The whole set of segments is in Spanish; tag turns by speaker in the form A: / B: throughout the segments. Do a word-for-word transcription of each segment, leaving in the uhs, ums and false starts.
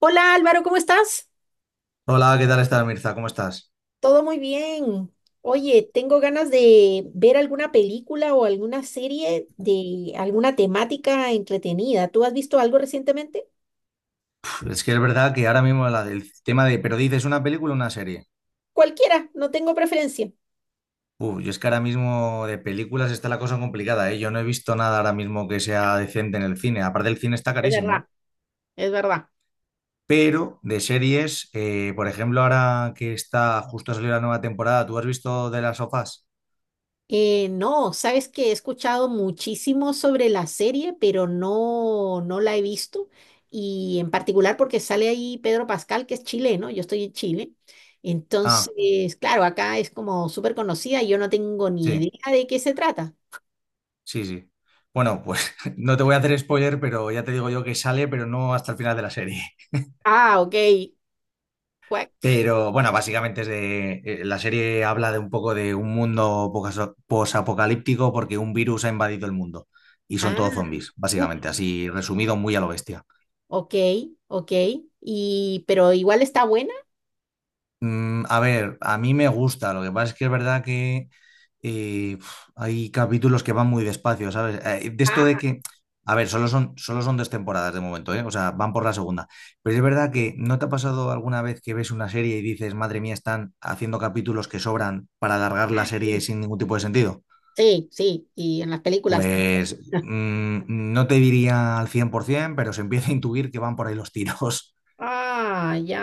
A: Hola Álvaro, ¿cómo estás?
B: Hola, ¿qué tal estás, Mirza? ¿Cómo estás?
A: Todo muy bien. Oye, tengo ganas de ver alguna película o alguna serie de alguna temática entretenida. ¿Tú has visto algo recientemente?
B: Uf, Es que es verdad que ahora mismo la- el tema de, pero dices una película o una serie.
A: Cualquiera, no tengo preferencia.
B: Uf, yo es que ahora mismo de películas está la cosa complicada, ¿eh? Yo no he visto nada ahora mismo que sea decente en el cine. Aparte, el cine está
A: Es
B: carísimo, ¿eh?
A: verdad, es verdad.
B: Pero de series, eh, por ejemplo, ahora que está justo a salir la nueva temporada, ¿tú has visto de las sofás?
A: Eh, no, sabes que he escuchado muchísimo sobre la serie, pero no, no la he visto. Y en particular porque sale ahí Pedro Pascal, que es chileno, yo estoy en Chile.
B: Ah,
A: Entonces, claro, acá es como súper conocida y yo no tengo ni idea
B: sí,
A: de qué se trata.
B: sí, sí. Bueno, pues no te voy a hacer spoiler, pero ya te digo yo que sale, pero no hasta el final de la serie.
A: Ah, ok. Cuac.
B: Pero bueno, básicamente es de, eh, la serie habla de un poco de un mundo poca- posapocalíptico porque un virus ha invadido el mundo y son
A: Ah,
B: todos zombies,
A: uf,
B: básicamente, así resumido muy a lo bestia.
A: ok, ok. Y, pero igual está buena.
B: Mm, a ver, a mí me gusta, lo que pasa es que es verdad que eh, uf, hay capítulos que van muy despacio, ¿sabes? Eh, de esto de
A: Ah,
B: que, a ver, solo son, solo son dos temporadas de momento, ¿eh? O sea, van por la segunda. Pero es verdad que, ¿no te ha pasado alguna vez que ves una serie y dices, madre mía, están haciendo capítulos que sobran para alargar la
A: ah,
B: serie
A: sí.
B: sin ningún tipo de sentido?
A: Sí, sí. Y en las películas también.
B: Pues mm, no te diría al cien por ciento, pero se empieza a intuir que van por ahí los tiros.
A: Ah, ya.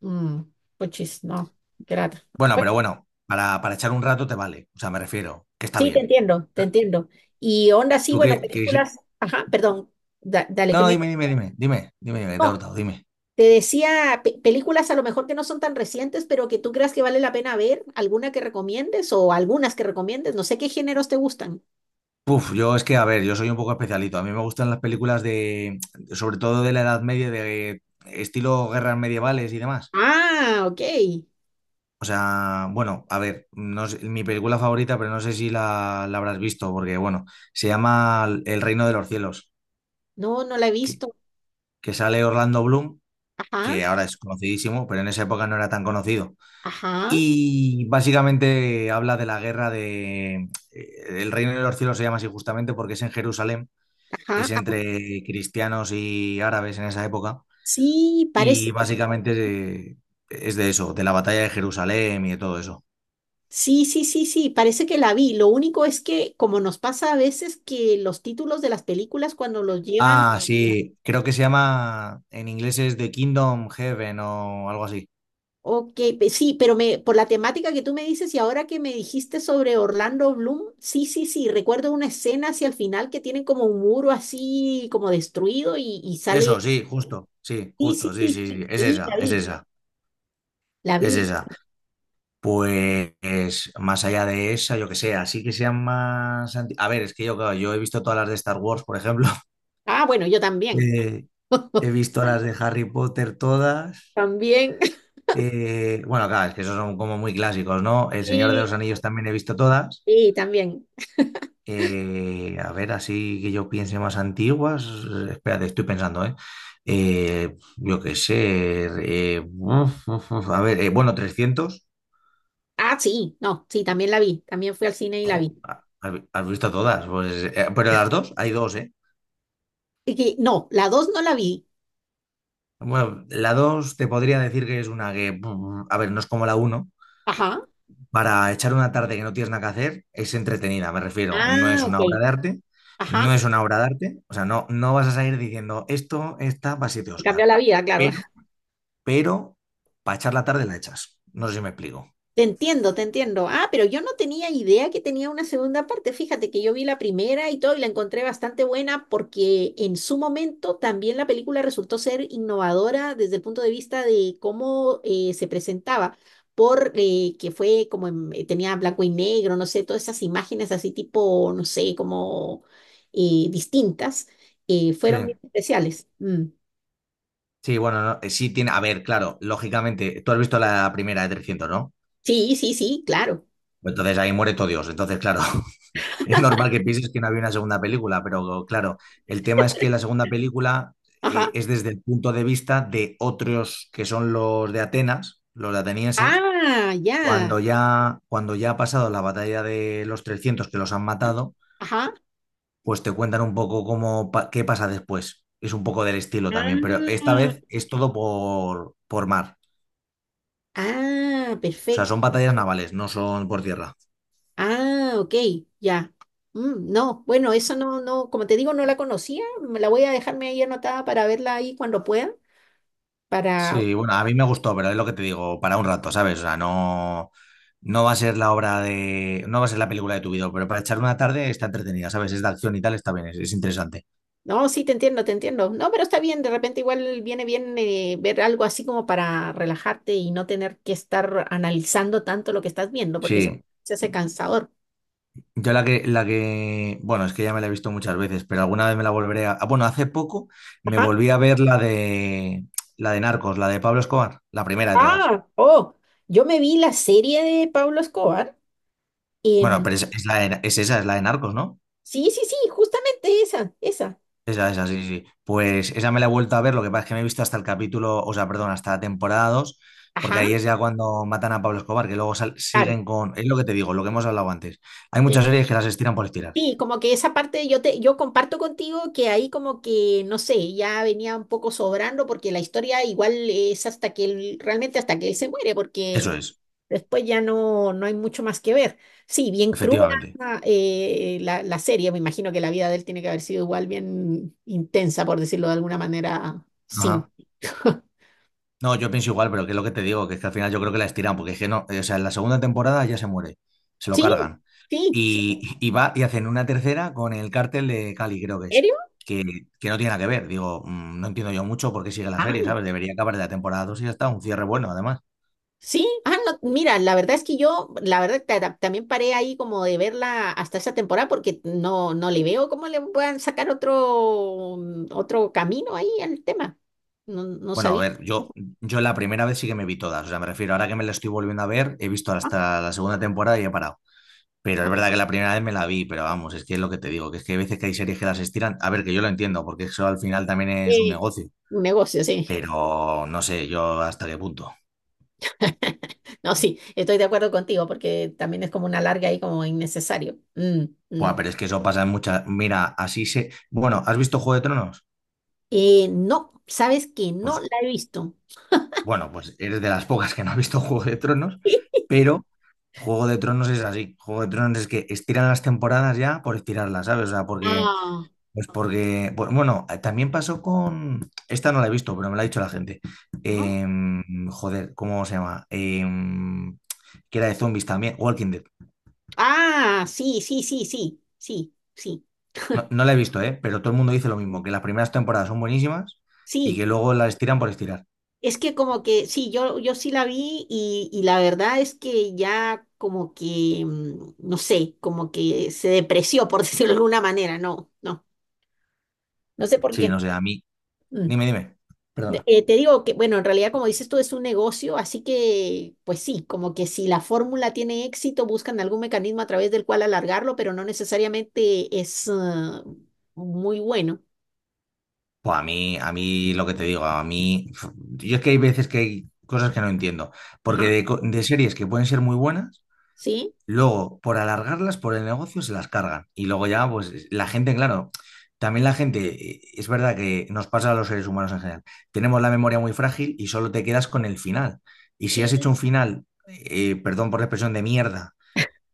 A: Mm, puchis, no. Qué lata.
B: Bueno,
A: Bueno,
B: pero bueno, para, para echar un rato te vale, o sea, me refiero, que está
A: sí, te
B: bien.
A: entiendo, te entiendo. Y onda, sí,
B: Tú
A: bueno,
B: qué, que-
A: películas. Ajá, perdón. Da- dale,
B: No,
A: que
B: no,
A: me.
B: dime, dime, dime, dime, dime, dime, que te he
A: No,
B: cortado, dime.
A: te decía pe- películas a lo mejor que no son tan recientes, pero que tú creas que vale la pena ver. ¿Alguna que recomiendes o algunas que recomiendes? No sé qué géneros te gustan.
B: Puf, yo es que, a ver, yo soy un poco especialito. A mí me gustan las películas de, sobre todo de la Edad Media, de estilo guerras medievales y demás.
A: Ah, ok.
B: O sea, bueno, a ver, no sé- mi película favorita, pero no sé si la, la habrás visto, porque, bueno, se llama El Reino de los Cielos,
A: No, no la he
B: que,
A: visto.
B: que sale Orlando Bloom,
A: Ajá,
B: que ahora es conocidísimo, pero en esa época no era tan conocido.
A: ajá,
B: Y básicamente habla de la guerra de... eh, El reino de los cielos se llama así justamente porque es en Jerusalén,
A: ajá,
B: es
A: ah.
B: entre cristianos y árabes en esa época.
A: Sí,
B: Y
A: parece.
B: básicamente eh, es de eso, de la batalla de Jerusalén y de todo eso.
A: Sí, sí, sí, sí, parece que la vi. Lo único es que, como nos pasa a veces, que los títulos de las películas cuando los llevan...
B: Ah, sí, creo que se llama, en inglés es The Kingdom Heaven o algo así.
A: Ok, pe- sí, pero me, por la temática que tú me dices y ahora que me dijiste sobre Orlando Bloom, sí, sí, sí, recuerdo una escena hacia el final que tienen como un muro así como destruido y, y sale...
B: Eso, sí, justo, sí,
A: Sí, sí,
B: justo, sí,
A: sí,
B: sí, sí,
A: sí,
B: es
A: sí, la
B: esa, es
A: vi,
B: esa,
A: la
B: es
A: vi.
B: esa. Pues más allá de esa, yo que sé, así que sean más... anti- A ver, es que yo, claro, yo he visto todas las de Star Wars, por ejemplo.
A: Ah, bueno, yo también,
B: Eh, He visto las de Harry Potter todas.
A: también.
B: Eh, bueno, claro, es que esos son como muy clásicos, ¿no? El Señor de
A: Sí,
B: los Anillos también he visto todas.
A: sí, también.
B: Eh, a ver, así que yo piense más antiguas. eh, Espérate, estoy pensando, ¿eh? Eh, yo qué sé. Eh, uf, uf, uf, a ver, eh, bueno, trescientos.
A: Ah, sí, no, sí, también la vi, también fui al cine y la
B: Jo,
A: vi.
B: ¿Has has visto todas? Pues, eh, pero las dos, hay dos, ¿eh?
A: Y que- no, la dos no la vi.
B: Bueno, la dos te podría decir que es una que, mm, a ver, no es como la uno.
A: Ajá,
B: Para echar una tarde que no tienes nada que hacer, es entretenida, me refiero. No
A: ah,
B: es
A: ok,
B: una obra de arte,
A: ajá.
B: no es una obra de arte. O sea, no, no vas a salir diciendo, esto, esta, para siete
A: Te cambió
B: Oscar.
A: la vida, claro.
B: Pero, pero, para echar la tarde la echas. No sé si me explico.
A: Te entiendo, te entiendo. Ah, pero yo no tenía idea que tenía una segunda parte. Fíjate que yo vi la primera y todo y la encontré bastante buena porque en su momento también la película resultó ser innovadora desde el punto de vista de cómo eh, se presentaba, por eh, que fue como en- eh, tenía blanco y negro, no sé, todas esas imágenes así tipo, no sé, como eh, distintas, eh,
B: Sí,
A: fueron bien especiales. Mm.
B: sí, bueno, no, eh, sí tiene, a ver, claro, lógicamente, tú has visto la primera de trescientos, ¿no?
A: Sí, sí, sí, claro.
B: Entonces ahí muere todo Dios. Entonces, claro, es normal que pienses que no había una segunda película, pero claro, el tema es que la segunda película
A: Ajá.
B: eh, es desde el punto de vista de otros que son los de Atenas, los atenienses. Claro.
A: Ah, ya.
B: Cuando ya, cuando ya ha pasado la batalla de los trescientos que los han matado,
A: Ajá.
B: pues te cuentan un poco cómo, pa- qué pasa después. Es un poco del estilo también, pero
A: Ah,
B: esta vez es todo por, por mar.
A: ah,
B: O sea, son
A: perfecto.
B: batallas navales, no son por tierra.
A: Ah, ok, ya. Mm, no, bueno, eso no, no, como te digo, no la conocía. Me la voy a dejarme ahí anotada para verla ahí cuando pueda. Para.
B: Sí, bueno, a mí me gustó, pero es lo que te digo, para un rato, ¿sabes? O sea, no, no va a ser la obra de, no va a ser la película de tu vida, pero para echar una tarde está entretenida, ¿sabes? Es de acción y tal, está bien, es, es interesante.
A: No, sí, te entiendo, te entiendo. No, pero está bien, de repente igual viene bien eh, ver algo así como para relajarte y no tener que estar analizando tanto lo que estás viendo, porque si no,
B: Sí.
A: se hace cansador.
B: Yo la que, la que, Bueno, es que ya me la he visto muchas veces, pero alguna vez me la volveré a, ah, bueno, hace poco me volví a ver la de, la de Narcos, la de Pablo Escobar, la primera de todas.
A: Ah, oh, yo me vi la serie de Pablo Escobar.
B: Bueno,
A: em,
B: pero es, es la de- es esa, es la de Narcos, ¿no?
A: sí, sí, sí, justamente esa, esa.
B: Esa, esa, sí, sí. Pues esa me la he vuelto a ver, lo que pasa es que me he visto hasta el capítulo, o sea, perdón, hasta la temporada dos, porque
A: Ajá,
B: ahí es ya cuando matan a Pablo Escobar, que luego sal- siguen
A: claro.
B: con... Es lo que te digo, lo que hemos hablado antes. Hay
A: Sí,
B: muchas series que las estiran por estirar.
A: sí, como que esa parte yo te, yo comparto contigo que ahí como que, no sé, ya venía un poco sobrando porque la historia igual es hasta que él, realmente hasta que él se muere, porque
B: Eso es,
A: después ya no, no hay mucho más que ver. Sí, bien cruda
B: efectivamente.
A: eh, la, la serie, me imagino que la vida de él tiene que haber sido igual bien intensa, por decirlo de alguna manera, sin.
B: Ajá. No, yo pienso igual, pero que es lo que te digo, que es que al final yo creo que la estiran, porque es que no, eh, o sea, en la segunda temporada ya se muere, se lo
A: Sí,
B: cargan.
A: sí, sí.
B: Y, y va y hacen una tercera con el cártel de Cali, creo que
A: ¿En
B: es,
A: serio?
B: que, que no tiene nada que ver. Digo, mm, no entiendo yo mucho por qué sigue la
A: Ah,
B: serie, ¿sabes? Debería acabar la temporada dos y ya está, un cierre bueno, además.
A: sí. Ah, no, mira, la verdad es que yo, la verdad, ta- ta- también paré ahí como de verla hasta esa temporada porque no, no le veo cómo le puedan sacar otro, mm, otro camino ahí al tema. No, no
B: Bueno, a
A: sabía.
B: ver, yo, yo la primera vez sí que me vi todas, o sea, me refiero, ahora que me la estoy volviendo a ver, he visto
A: Ah,
B: hasta la segunda temporada y he parado. Pero es
A: ah,
B: verdad que la primera vez me la vi, pero vamos, es que es lo que te digo, que es que hay veces que hay series que las estiran. A ver, que yo lo entiendo, porque eso al final también es un
A: eh,
B: negocio,
A: un negocio, sí.
B: pero no sé yo hasta qué punto.
A: No, sí, estoy de acuerdo contigo porque también es como una larga ahí como innecesario. Mm, mm.
B: Buah, pero es que eso pasa en muchas. Mira, así se. Bueno, ¿has visto Juego de Tronos?
A: Eh, no, sabes que no
B: Pues
A: la he visto.
B: bueno, pues eres de las pocas que no ha visto Juego de Tronos, pero Juego de Tronos es así. Juego de Tronos es que estiran las temporadas ya por estirarlas, ¿sabes? O sea, porque
A: Ah,
B: pues porque, bu- bueno, eh, también pasó con, esta no la he visto, pero me la ha dicho la gente. Em, joder, ¿cómo se llama? Em, que era de zombies también, Walking Dead.
A: ah, sí, sí, sí, sí, sí, sí,
B: No, no la he visto, ¿eh? Pero todo el mundo dice lo mismo, que las primeras temporadas son buenísimas y
A: sí.
B: que luego las estiran por estirar.
A: Es que como que sí, yo, yo sí la vi y, y la verdad es que ya como que, mm, no sé, como que se depreció, por decirlo de alguna manera, no, no, no sé por
B: Sí, no
A: qué.
B: sé, a mí,
A: Mm.
B: dime, dime,
A: De-
B: perdona.
A: eh, te digo que, bueno, en realidad como dices tú es un negocio, así que pues sí, como que si la fórmula tiene éxito, buscan algún mecanismo a través del cual alargarlo, pero no necesariamente es eh, muy bueno.
B: Pues a mí, a mí lo que te digo, a mí, yo es que hay veces que hay cosas que no entiendo, porque
A: Ajá.
B: de, co- de series que pueden ser muy buenas.
A: Sí,
B: Luego, por alargarlas, por el negocio, se las cargan. Y luego ya, pues la gente, claro, también la gente, eh, es verdad que nos pasa a los seres humanos en general, tenemos la memoria muy frágil y solo te quedas con el final. Y si
A: sí.
B: has hecho un final, eh, perdón por la expresión, de mierda,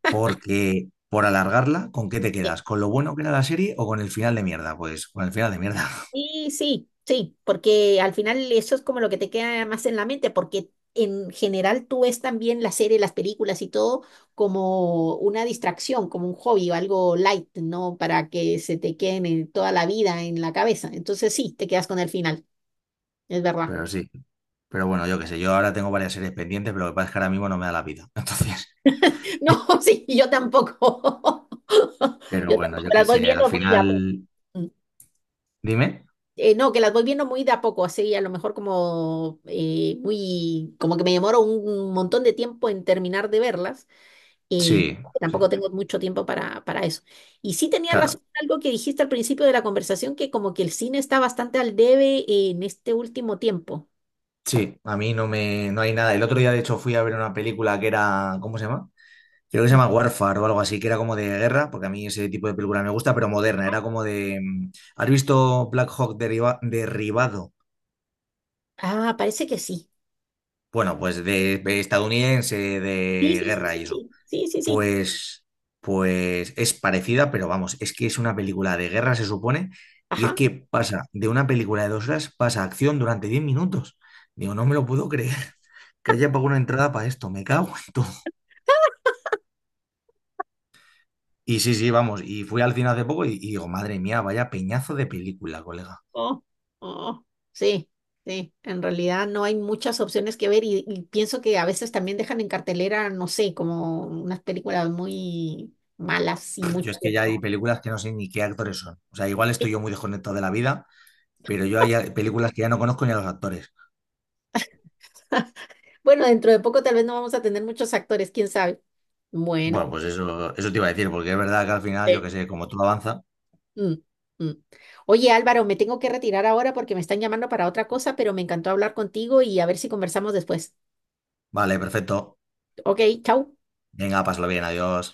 B: porque por alargarla, ¿con qué te quedas? ¿Con lo bueno que era la serie o con el final de mierda? Pues con el final de mierda.
A: Sí, sí, sí, porque al final eso es como lo que te queda más en la mente, porque en general tú ves también la serie, las películas y todo como una distracción, como un hobby o algo light, ¿no? Para que se te queden en toda la vida en la cabeza. Entonces sí, te quedas con el final, es verdad.
B: Pero sí, pero bueno, yo qué sé, yo ahora tengo varias series pendientes, pero lo que pasa es que ahora mismo no me da la vida. Entonces,
A: No, sí, yo tampoco.
B: pero
A: Yo
B: bueno,
A: tampoco
B: yo qué
A: las voy
B: sé, al
A: viendo muy rápido.
B: final, dime.
A: Eh, no, que las voy viendo muy de a poco, así a lo mejor como eh, muy, como que me demoro un montón de tiempo en terminar de verlas,
B: Sí,
A: y
B: sí.
A: tampoco tengo mucho tiempo para, para eso. Y sí tenía
B: Claro,
A: razón en algo que dijiste al principio de la conversación, que como que el cine está bastante al debe en este último tiempo.
B: sí, a mí no me, no hay nada. El otro día, de hecho, fui a ver una película que era, ¿cómo se llama? Creo que se
A: Mm.
B: llama Warfare o algo así, que era como de guerra, porque a mí ese tipo de película me gusta, pero moderna. Era como de, mm, ¿has visto Black Hawk derriba- derribado?
A: Ah, parece que sí.
B: Bueno, pues de, de estadounidense,
A: Sí,
B: de
A: sí, sí,
B: guerra
A: sí,
B: y eso.
A: sí, sí, sí, sí.
B: Pues, pues es parecida, pero vamos, es que es una película de guerra, se supone, y es
A: Ajá.
B: que pasa de una película de dos horas, pasa a acción durante diez minutos. Digo, no me lo puedo creer. Que haya pagado una entrada para esto, me cago en todo. Y sí, sí, vamos, y fui al cine hace poco y, y digo, madre mía, vaya peñazo de película, colega.
A: Oh, oh, sí, sí. En realidad no hay muchas opciones que ver y, y pienso que a veces también dejan en cartelera, no sé, como unas películas muy malas y muy
B: Yo es que ya hay
A: tiempo.
B: películas que no sé ni qué actores son. O sea, igual estoy yo muy desconectado de la vida, pero yo hay películas que ya no conozco ni a los actores.
A: Bueno, dentro de poco tal vez no vamos a tener muchos actores, quién sabe. Bueno.
B: Bueno, pues eso, eso te iba a decir, porque es verdad que al final, yo
A: Sí.
B: qué sé, como tú avanza,
A: Mm, mm. Oye, Álvaro, me tengo que retirar ahora porque me están llamando para otra cosa, pero me encantó hablar contigo y a ver si conversamos después.
B: vale, perfecto.
A: Ok, chau.
B: Venga, pásalo bien, adiós.